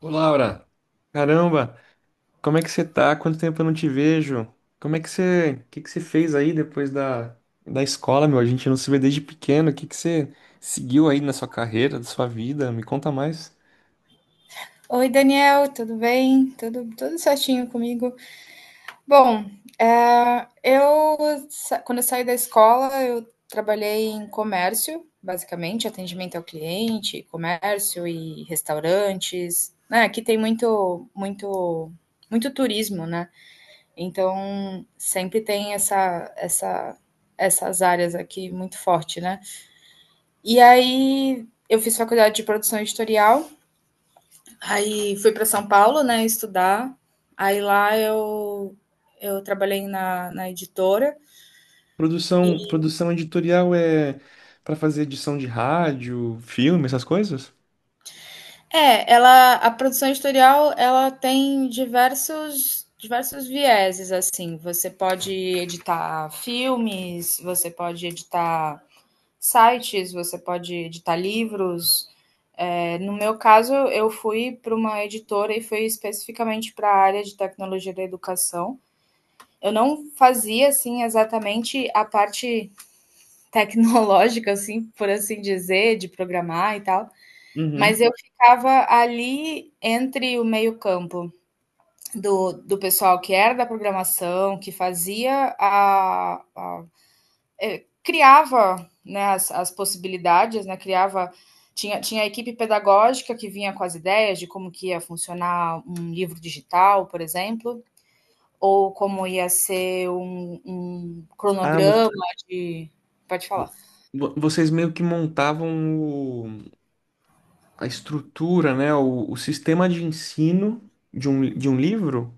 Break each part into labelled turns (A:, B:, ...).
A: Ô Laura, caramba, como é que você tá? Quanto tempo eu não te vejo? Como é que você, o que que você fez aí depois da escola, meu? A gente não se vê desde pequeno. O que que você seguiu aí na sua carreira, na sua vida? Me conta mais.
B: Oi, Daniel, tudo bem? Tudo certinho comigo? Bom, eu quando eu saí da escola, eu trabalhei em comércio, basicamente, atendimento ao cliente, comércio e restaurantes, né? Aqui tem muito, muito, muito turismo, né? Então sempre tem essas áreas aqui muito forte, né? E aí eu fiz faculdade de produção editorial. Aí fui para São Paulo, né, estudar. Aí lá eu trabalhei na editora.
A: Produção editorial é pra fazer edição de rádio, filme, essas coisas?
B: Ela a produção editorial, ela tem diversos vieses assim. Você pode editar filmes, você pode editar sites, você pode editar livros. No meu caso, eu fui para uma editora e fui especificamente para a área de tecnologia da educação. Eu não fazia assim exatamente a parte tecnológica, assim, por assim dizer, de programar e tal, mas
A: Uhum.
B: eu ficava ali entre o meio-campo do pessoal que era da programação, que fazia criava né, as possibilidades, né? Criava. Tinha a equipe pedagógica que vinha com as ideias de como que ia funcionar um livro digital, por exemplo, ou como ia ser um, um
A: Ah, vo-
B: cronograma de. Pode falar.
A: vo- vocês meio que montavam o- a estrutura, né? O sistema de ensino de um livro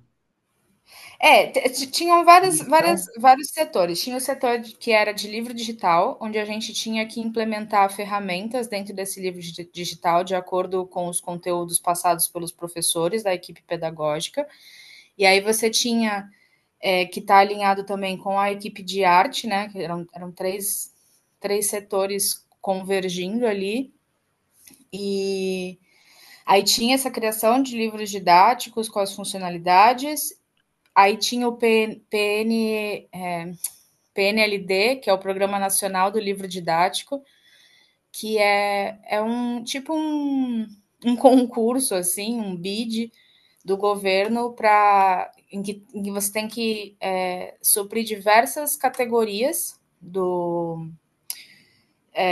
B: T t tinham várias várias
A: digital?
B: vários setores. Tinha o setor de que era de livro digital, onde a gente tinha que implementar ferramentas dentro desse livro di digital, de acordo com os conteúdos passados pelos professores da equipe pedagógica. E aí você tinha, que estar alinhado também com a equipe de arte, né, que eram três setores convergindo ali. E aí tinha essa criação de livros didáticos com as funcionalidades, aí tinha o P n PNLD, que é o Programa Nacional do Livro Didático, que é um tipo um, um concurso, assim, um bid do governo para que, você tem que suprir diversas categorias do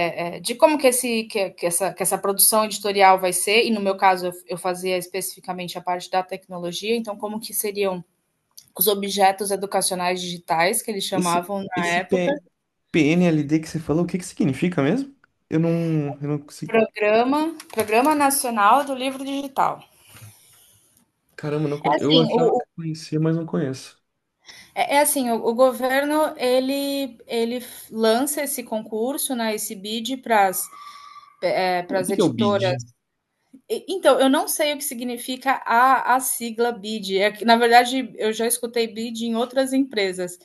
B: de como que, esse, que essa produção editorial vai ser, e no meu caso eu fazia especificamente a parte da tecnologia, então como que seriam os objetos educacionais digitais que eles
A: Esse,
B: chamavam na
A: esse
B: época.
A: P- PNLD, que você falou, o que que significa mesmo? Eu não, eu não consigo.
B: Programa Nacional do Livro Digital.
A: Caramba, não,
B: É
A: eu
B: assim,
A: achava que conhecia, mas não conheço.
B: é assim, o governo ele lança esse concurso, né, esse bid para
A: O
B: as
A: que que é o
B: editoras.
A: BID?
B: Então, eu não sei o que significa a sigla bid. É que, na verdade, eu já escutei bid em outras empresas,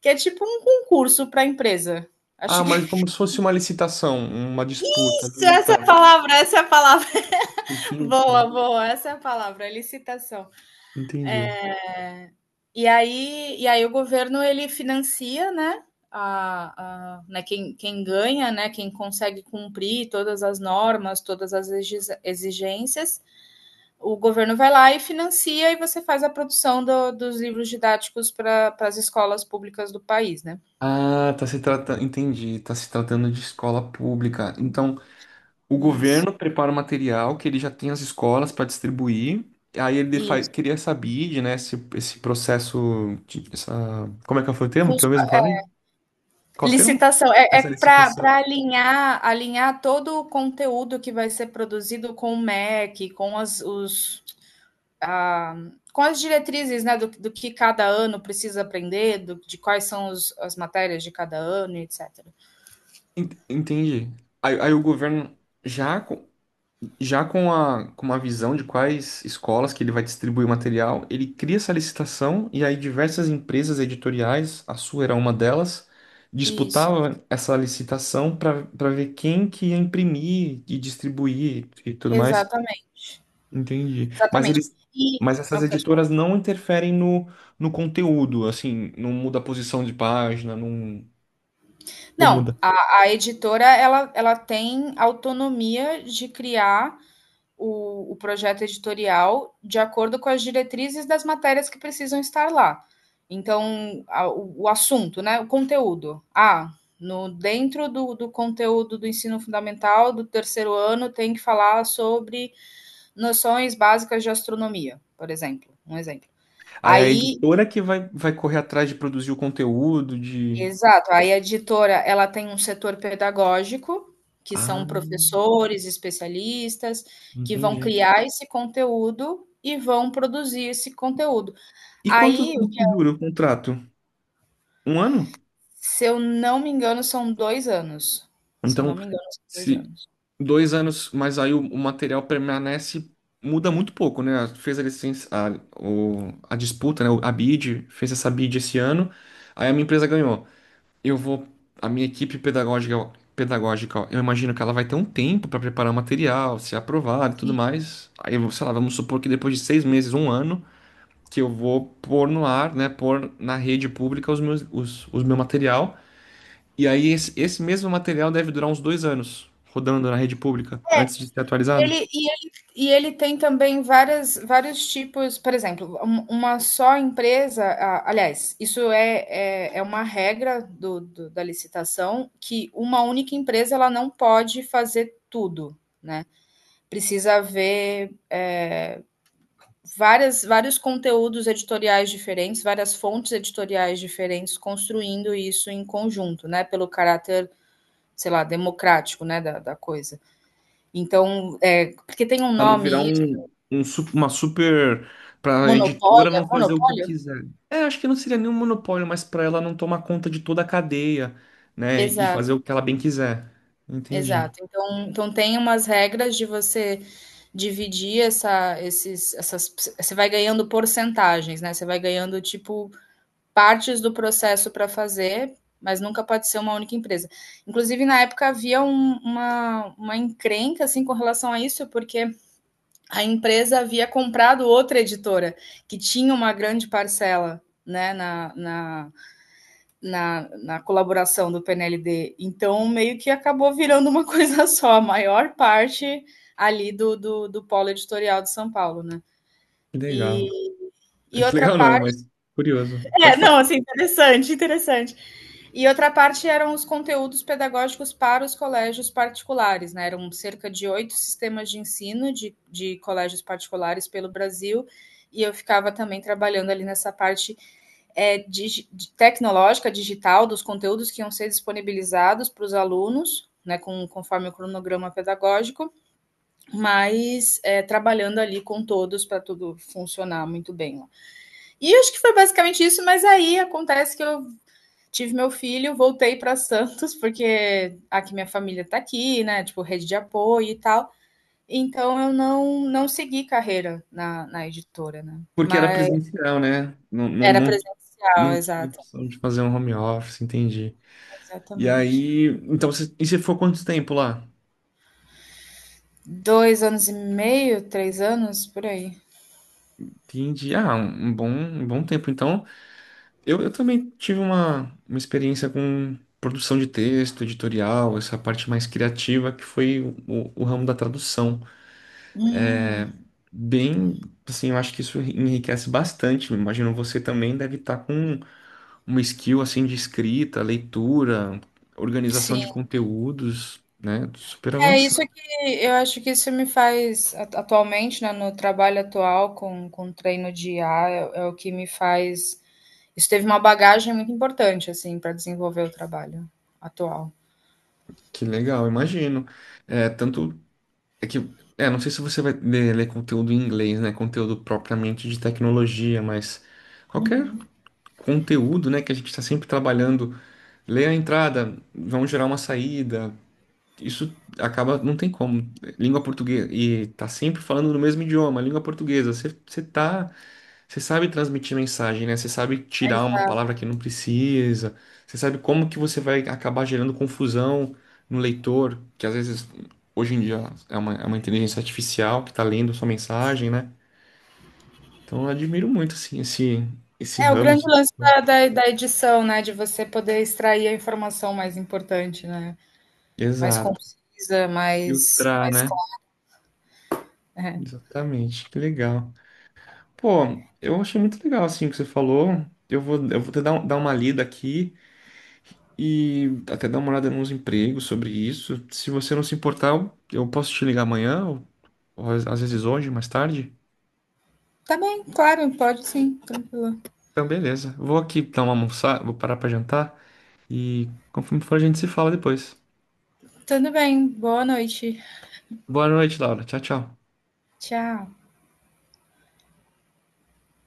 B: que é tipo um concurso para empresa.
A: Ah,
B: Acho
A: mas como
B: que
A: se fosse uma licitação, uma disputa ali.
B: essa é a
A: Tá,
B: palavra, essa é a palavra.
A: entendi,
B: Boa, boa, essa é a palavra, licitação.
A: entendi.
B: E aí o governo ele financia, né? Né quem ganha, né? Quem consegue cumprir todas as normas, todas as exigências, o governo vai lá e financia e você faz a produção dos livros didáticos para as escolas públicas do país, né?
A: Ah, tá se tratando de escola pública. Então, o
B: Isso,
A: governo prepara o material que ele já tem as escolas para distribuir. Aí ele
B: isso.
A: queria essa BID, né? Esse processo, como é que foi o
B: Com
A: termo que
B: os,
A: eu mesmo falei? Qual o termo?
B: licitação é
A: Essa
B: para
A: licitação.
B: alinhar todo o conteúdo que vai ser produzido com o MEC, a, com as diretrizes né, do que cada ano precisa aprender, de quais são as matérias de cada ano, etc.
A: Entendi. Aí o governo já com, já com a com uma visão de quais escolas que ele vai distribuir o material, ele cria essa licitação e aí diversas empresas editoriais, a sua era uma delas,
B: Isso,
A: disputava essa licitação para ver quem que ia imprimir e distribuir e tudo mais.
B: exatamente.
A: Entendi.
B: Exatamente. E.
A: Mas essas
B: Não, pode falar.
A: editoras não interferem no conteúdo, assim, não muda a posição de página, não, como
B: Não, a editora ela, ela tem autonomia de criar o projeto editorial de acordo com as diretrizes das matérias que precisam estar lá. Então, o assunto, né? O conteúdo. Ah, no, dentro do conteúdo do ensino fundamental do terceiro ano tem que falar sobre noções básicas de astronomia, por exemplo. Um exemplo.
A: aí a
B: Aí
A: editora que vai, vai correr atrás de produzir o conteúdo, de.
B: Exato, aí a editora, ela tem um setor pedagógico, que
A: Ah,
B: são professores, especialistas, que vão
A: entendi.
B: criar esse conteúdo e vão produzir esse conteúdo.
A: E quantos
B: Aí,
A: anos que dura o contrato? Um ano?
B: se eu não me engano, são 2 anos. Se eu
A: Então,
B: não me engano, são 2
A: se
B: anos.
A: dois anos, mas aí o material permanece, muda muito pouco, né? Fez a licença, a disputa, né? A bid, fez essa bid esse ano, aí a minha empresa ganhou. Eu vou, a minha equipe pedagógica, pedagógica, eu imagino que ela vai ter um tempo para preparar o material, ser aprovado e tudo
B: Sim.
A: mais. Aí, sei lá, vamos supor que depois de seis meses, um ano, que eu vou pôr no ar, né, pôr na rede pública os meus, os meu material. E aí esse mesmo material deve durar uns dois anos rodando na rede pública antes de ser
B: E
A: atualizado,
B: ele, e ele, e ele tem também vários tipos, por exemplo, uma só empresa, aliás, isso é uma regra da licitação, que uma única empresa ela não pode fazer tudo, né? Precisa haver vários conteúdos editoriais diferentes, várias fontes editoriais diferentes construindo isso em conjunto, né? Pelo caráter, sei lá, democrático, né, da coisa. Então, porque tem um
A: para não virar
B: nome.
A: uma super, para a editora
B: Monopólio?
A: não fazer o que
B: Monopólio?
A: quiser. É, acho que não seria nenhum monopólio, mas para ela não tomar conta de toda a cadeia, né, e
B: Exato,
A: fazer o que ela bem quiser. Entendi.
B: exato. Então tem umas regras de você dividir essas você vai ganhando porcentagens, né, você vai ganhando, tipo, partes do processo para fazer, mas nunca pode ser uma única empresa. Inclusive, na época havia uma encrenca assim com relação a isso, porque a empresa havia comprado outra editora que tinha uma grande parcela né, na colaboração do PNLD. Então, meio que acabou virando uma coisa só, a maior parte ali do polo editorial de São Paulo, né?
A: Que
B: E,
A: legal.
B: e
A: Que
B: outra
A: legal não,
B: parte.
A: mas curioso. Pode
B: Não,
A: falar.
B: assim, interessante, interessante. E outra parte eram os conteúdos pedagógicos para os colégios particulares, né? Eram cerca de oito sistemas de ensino de colégios particulares pelo Brasil, e eu ficava também trabalhando ali nessa parte é, dig, tecnológica, digital, dos conteúdos que iam ser disponibilizados para os alunos, né, conforme o cronograma pedagógico, mas trabalhando ali com todos para tudo funcionar muito bem. E acho que foi basicamente isso, mas aí acontece que eu tive meu filho, voltei para Santos, porque aqui minha família está aqui, né, tipo, rede de apoio e tal. Então eu não segui carreira na editora, né?
A: Porque era
B: Mas
A: presencial, né?
B: era
A: Não
B: presencial,
A: não tinha
B: exato.
A: opção de fazer um home office, entendi. E
B: Exatamente.
A: aí, então, e você ficou quanto tempo lá?
B: 2 anos e meio, 3 anos, por aí.
A: Entendi. Ah, um um bom tempo. Então, eu também tive uma experiência com produção de texto, editorial, essa parte mais criativa, que foi o ramo da tradução.
B: Hum,
A: Bem, assim, eu acho que isso enriquece bastante. Imagino você também deve estar com uma skill, assim, de escrita, leitura, organização
B: sim.
A: de conteúdos, né? Super
B: É isso
A: avançado.
B: que eu acho que isso me faz atualmente, né, no trabalho atual com treino de IA, é o que me faz. Isso teve uma bagagem muito importante, assim, para desenvolver o trabalho atual.
A: Que legal, imagino. É, tanto é que, é, não sei se você vai ler, ler conteúdo em inglês, né? Conteúdo propriamente de tecnologia, mas qualquer conteúdo, né, que a gente está sempre trabalhando, lê a entrada, vão gerar uma saída. Isso acaba, não tem como. Língua portuguesa, e tá sempre falando no mesmo idioma, língua portuguesa. Você sabe transmitir mensagem, né? Você sabe tirar uma palavra que não precisa. Você sabe como que você vai acabar gerando confusão no leitor, que às vezes hoje em dia é uma inteligência artificial que está lendo a sua mensagem, né? Então eu admiro muito assim esse
B: É o
A: ramo
B: grande lance da edição, né? De você poder extrair a informação mais importante, né? Mais
A: Exato.
B: concisa, mais,
A: Filtrar,
B: mais
A: né?
B: clara. É.
A: Exatamente. Que legal. Pô, eu achei muito legal assim o que você falou. Eu vou te dar, dar uma lida aqui e até dar uma olhada nos empregos sobre isso. Se você não se importar, eu posso te ligar amanhã, ou às vezes hoje, mais tarde.
B: Tá bem, claro, pode sim, tranquilo.
A: Então, beleza. Vou aqui dar uma almoçada, vou parar pra jantar e conforme for a gente se fala depois.
B: Tudo bem, boa noite.
A: Boa noite, Laura. Tchau, tchau.
B: Tchau.